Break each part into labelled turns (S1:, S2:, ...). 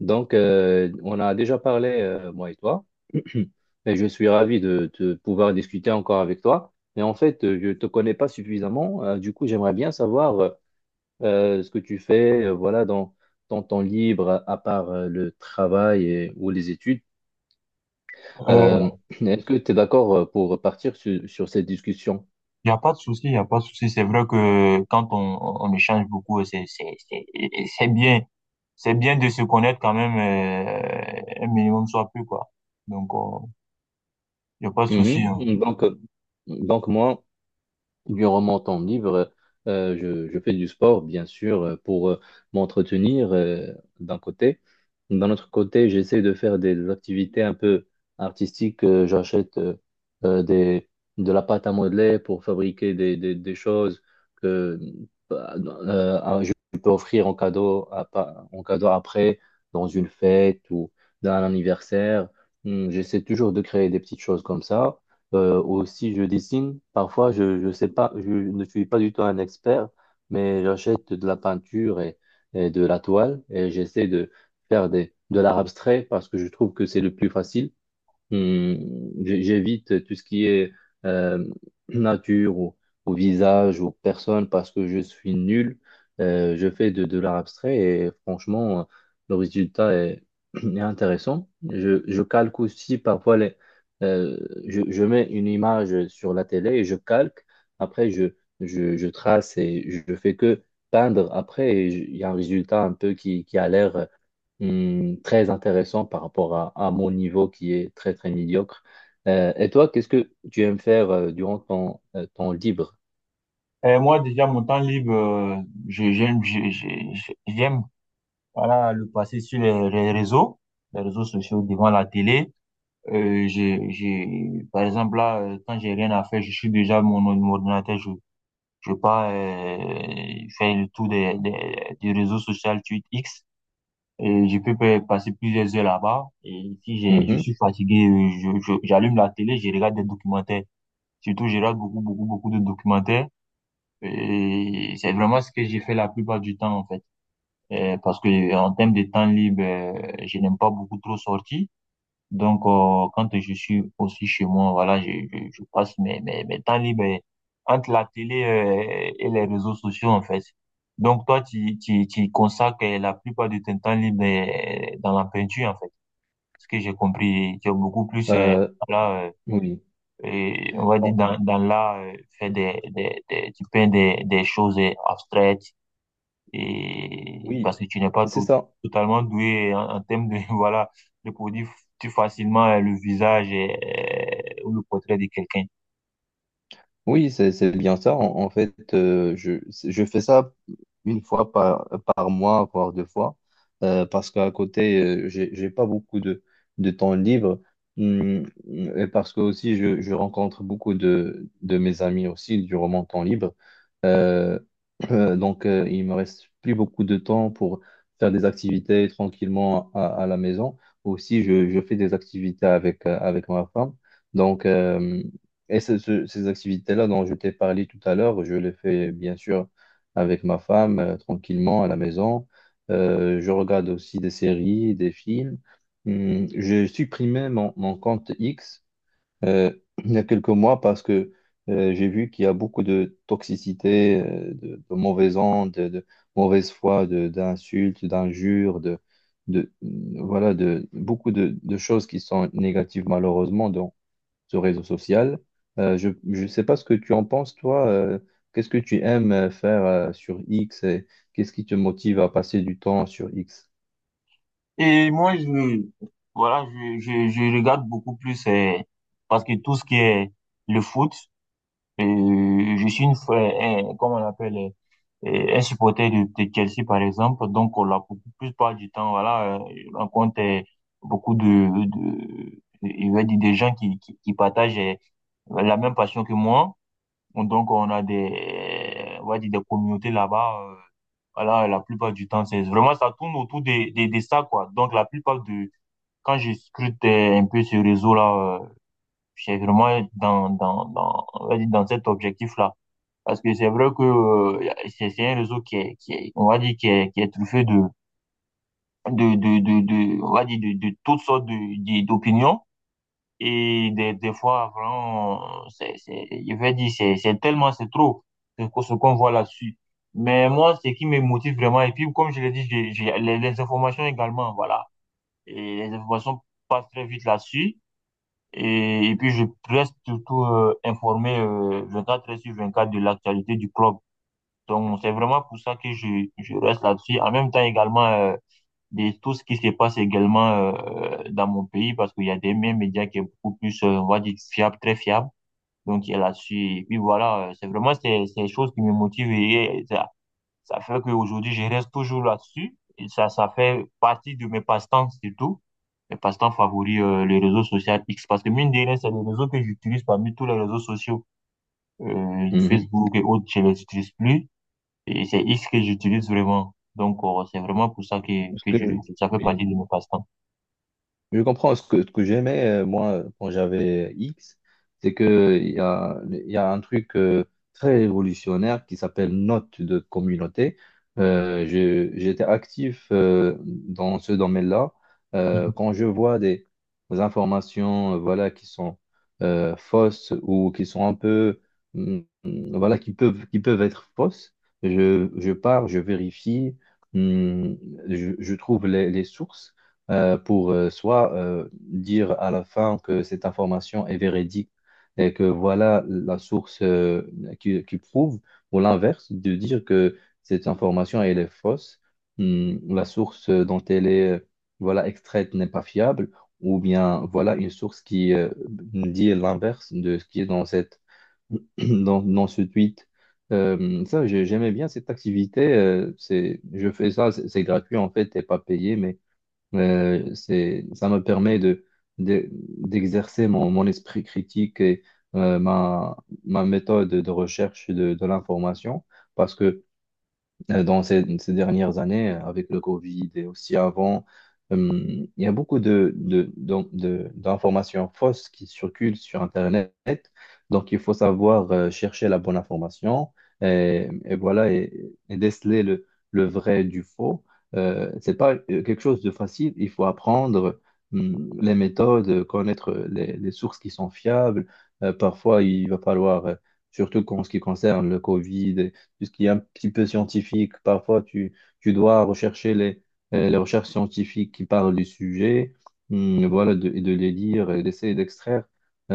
S1: On a déjà parlé, moi et toi, et je suis ravi de pouvoir discuter encore avec toi. Mais en fait, je ne te connais pas suffisamment. Du coup, j'aimerais bien savoir ce que tu fais, voilà, dans ton temps libre, à part le travail ou les études. Euh,
S2: Il
S1: est-ce que tu es d'accord pour partir sur cette discussion?
S2: n'y a pas de souci, il n'y a pas de souci. C'est vrai que quand on échange beaucoup, c'est bien. C'est bien de se connaître quand même un minimum, soit plus, quoi. Donc, il n'y a pas de souci,
S1: Mhm.
S2: hein.
S1: Donc moi. Durant mon temps libre, je fais du sport, bien sûr, pour m'entretenir d'un côté. D'un autre côté, j'essaie de faire des activités un peu artistiques. J'achète euh, des, de la pâte à modeler pour fabriquer des choses que je peux offrir en cadeau, en cadeau après, dans une fête ou dans un anniversaire. Hmm. J'essaie toujours de créer des petites choses comme ça. Aussi, je dessine. Parfois, je sais pas, je ne suis pas du tout un expert, mais j'achète de la peinture et de la toile et j'essaie de faire de l'art abstrait parce que je trouve que c'est le plus facile. Hmm. J'évite tout ce qui est euh, nature ou visage ou personne parce que je suis nul. Je fais de l'art abstrait et franchement, le résultat est, est intéressant. Je calque aussi parfois euh, je mets une image sur la télé et je calque. Après, je trace et je fais que peindre. Après, il y a un résultat un peu qui a l'air très intéressant par rapport à mon niveau qui est très, très médiocre. Et toi, qu'est-ce que tu aimes faire durant ton, ton libre?
S2: Et moi, déjà, mon temps libre, je- j'aime, voilà, le passer sur les réseaux sociaux devant la télé. J'ai, par exemple, là, quand j'ai rien à faire, je suis déjà mon ordinateur, je sais pas, faire le tour des réseaux sociaux Twitter X. Et je peux passer plusieurs heures là-bas. Et si j'ai, je
S1: Mhm.
S2: suis fatigué, j'allume la télé, je regarde des documentaires. Surtout, je regarde beaucoup, beaucoup, beaucoup de documentaires. Et c'est vraiment ce que j'ai fait la plupart du temps, en fait. Parce que en termes de temps libre, je n'aime pas beaucoup trop sortir. Donc, quand je suis aussi chez moi, voilà, je passe mes temps libres entre la télé, et les réseaux sociaux, en fait. Donc, toi, tu consacres la plupart de ton temps libre dans la peinture, en fait. Ce que j'ai compris, tu es beaucoup plus,
S1: Euh,
S2: voilà,
S1: oui.
S2: et on va dire
S1: Bon,
S2: dans l'art, faire tu peins des choses abstraites, et
S1: oui,
S2: parce que tu n'es pas
S1: c'est
S2: tout-
S1: ça.
S2: totalement doué en termes de voilà de produire plus facilement le visage et- ou le portrait de quelqu'un.
S1: Oui, c'est bien ça. En fait, je fais ça une fois par mois, voire deux fois, parce qu'à côté, j'ai pas beaucoup de temps libre. Hum. Et parce que aussi, je rencontre beaucoup de mes amis aussi durant mon temps libre. Euh, donc, il me reste plus beaucoup de temps pour faire des activités tranquillement à la maison. Aussi, je fais des activités avec, avec ma femme. Donc, et ces activités-là dont je t'ai parlé tout à l'heure, je les fais bien sûr avec ma femme, tranquillement à la maison. Je regarde aussi des séries, des films. Hum. J'ai supprimé mon, mon compte X euh, il y a quelques mois parce que j'ai vu qu'il y a beaucoup de toxicité, de mauvais ondes, de mauvaise foi, d'insultes, d'injures, de, voilà, de beaucoup de choses qui sont négatives malheureusement ce réseau social. Je ne sais pas ce que tu en penses, toi. Qu'est-ce que tu aimes faire sur X et qu'est-ce qui te motive à passer du temps sur X?
S2: Et moi, je voilà, je regarde beaucoup plus parce que tout ce qui est le foot. Je suis une fois, un- comment on appelle, un supporter de Chelsea, par exemple. Donc, on a beaucoup plus pas du temps. Voilà, on compte beaucoup il va dire, des gens qui partagent la même passion que moi. Donc, on a des, eh, on va dire, des communautés là-bas. Euh, voilà, la plupart du temps, c'est vraiment, ça tourne autour de ça, quoi. Donc, la plupart de, quand je scrute un peu ce réseau-là, je suis vraiment dans, on va dire, dans cet objectif-là. Parce que c'est vrai que c'est un réseau on va dire, qui est truffé de- on va dire, de toutes sortes de- d'opinions. Et des fois, vraiment, je vais dire, c'est tellement, c'est trop ce qu'on voit là-dessus. Mais moi, ce qui me motive vraiment, et puis comme je l'ai dit, j'ai les informations également, voilà. Et les informations passent très vite là-dessus. Et puis, je reste surtout informé 24 heures sur 24 de l'actualité du club. Donc, c'est vraiment pour ça que je reste là-dessus. En même temps, également, de tout ce qui se passe également dans mon pays, parce qu'il y a des mêmes médias qui est beaucoup plus, on va dire, fiable, très fiable. Donc, il est là-dessus. Et puis voilà, c'est vraiment ces choses qui me motivent, et ça fait qu'aujourd'hui, je reste toujours là-dessus. Et ça fait partie de mes passe-temps, surtout. Mes passe-temps favoris, les réseaux sociaux X. Parce que mine de rien, c'est les réseaux que j'utilise parmi tous les réseaux sociaux.
S1: Mhm.
S2: Facebook et autres, je les utilise plus. Et c'est X que j'utilise vraiment. Donc, c'est vraiment pour ça
S1: Parce
S2: que
S1: que,
S2: je, que ça fait partie
S1: oui.
S2: de mes passe-temps.
S1: Je comprends ce que j'aimais, moi, quand j'avais X, c'est que il y a un truc très révolutionnaire qui s'appelle note de communauté. J'étais actif dans ce domaine-là.
S2: Mhm.
S1: Quand je vois des informations voilà, qui sont fausses ou qui sont un peu, voilà, qui peuvent être fausses, je pars, je vérifie, mm, je trouve les sources pour soit dire à la fin que cette information est véridique et que voilà la source qui prouve, ou l'inverse, de dire que cette information elle est fausse, la source dont elle est voilà extraite n'est pas fiable, ou bien voilà une source qui dit l'inverse de ce qui est dans cette dans, dans ce tweet. Ça, j'aimais bien cette activité. Je fais ça, c'est gratuit en fait, t'es pas payé, mais ça me permet de, d'exercer mon, mon esprit critique et ma, ma méthode de recherche de l'information parce que dans ces, ces dernières années, avec le Covid et aussi avant, euh, il y a beaucoup de, d'informations fausses qui circulent sur Internet. Donc, il faut savoir chercher la bonne information et voilà, et déceler le vrai du faux. C'est pas quelque chose de facile. Il faut apprendre les méthodes, connaître les sources qui sont fiables. Parfois, il va falloir, surtout en ce qui concerne le Covid puisqu'il ce qui est un petit peu scientifique. Parfois, tu dois rechercher les recherches scientifiques qui parlent du sujet. Hum. Voilà, et de les lire et d'essayer d'extraire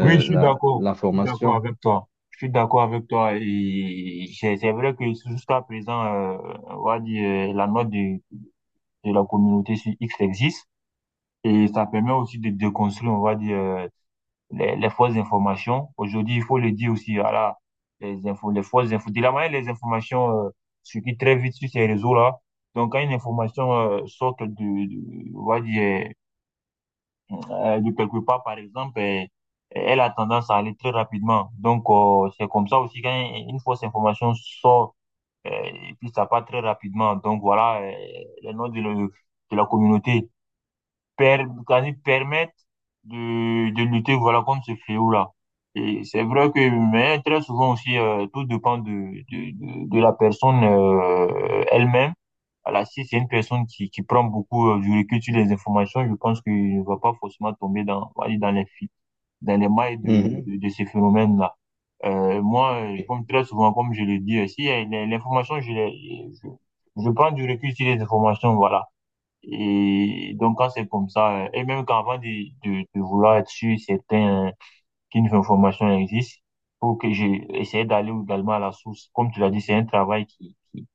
S2: Oui, je suis
S1: la,
S2: d'accord. Je suis d'accord
S1: l'information.
S2: avec toi. Je suis d'accord avec toi. Et c'est vrai que jusqu'à présent, on va dire, la note de la communauté sur X existe. Et ça permet aussi de déconstruire, on va dire, les fausses informations. Aujourd'hui, il faut le dire aussi, voilà, les infos, les fausses infos. De la manière, les informations circulent très vite sur ces réseaux-là. Donc, quand une information sort de- on va dire, de quelque part, par exemple, elle a tendance à aller très rapidement. Donc, c'est comme ça aussi, quand une fausse information sort, et puis ça part très rapidement. Donc, voilà, les noms de, le- de la communauté per- quasi permettent de lutter voilà, contre ce fléau-là. Et c'est vrai que, mais très souvent aussi, tout dépend de la personne elle-même. Voilà, si c'est une personne qui prend beaucoup du recul sur les informations, je pense qu'il ne va pas forcément tomber dans, on va dire, dans les, fi- dans les mailles
S1: Mhm.
S2: de ces phénomènes-là. Moi,
S1: Oui,
S2: comme très souvent, comme je le dis aussi, l'information, je, l'ai- je prends du recul sur les informations, voilà. Et donc, quand c'est comme ça, et même qu'avant de vouloir être sûr certain qu'une information existe, faut que j'ai essayé d'aller également à la source. Comme tu l'as dit, c'est un travail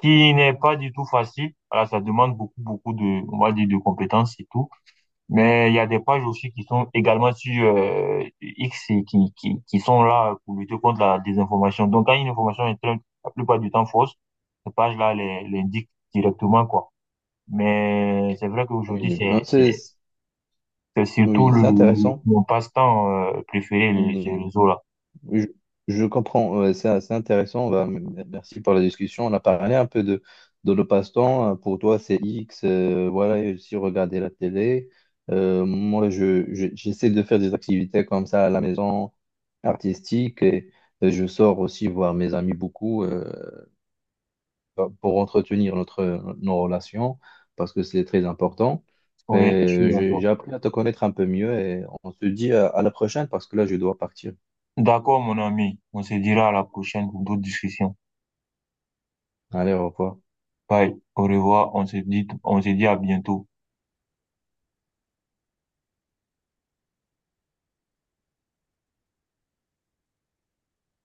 S2: qui n'est pas du tout facile. Voilà, ça demande beaucoup, beaucoup de, on va dire, de compétences et tout. Mais il y a des pages aussi qui sont également sur X et qui sont là pour lutter contre la désinformation. Donc, quand une information est très- la plupart du temps fausse, ces pages-là les, l'indiquent directement, quoi. Mais c'est vrai qu'aujourd'hui,
S1: oui. Ah,
S2: c'est surtout
S1: oui, c'est
S2: le-
S1: intéressant.
S2: mon passe-temps préféré, les, ces
S1: Oui.
S2: réseaux-là.
S1: Je, je comprends, ouais, c'est assez intéressant. Bah, merci pour la discussion. On a parlé un peu de le passe-temps. Pour toi, c'est X, voilà, et aussi regarder la télé. Moi, j'essaie de faire des activités comme ça à la maison, artistiques, et je sors aussi voir mes amis beaucoup pour entretenir notre, nos relations, parce que c'est très important.
S2: Oui, je suis
S1: Et
S2: d'accord.
S1: j'ai appris à te connaître un peu mieux et on se dit à la prochaine parce que là, je dois partir.
S2: D'accord, mon ami. On se dira à la prochaine pour d'autres discussions.
S1: Allez, au revoir.
S2: Bye. Au revoir. On se dit à bientôt.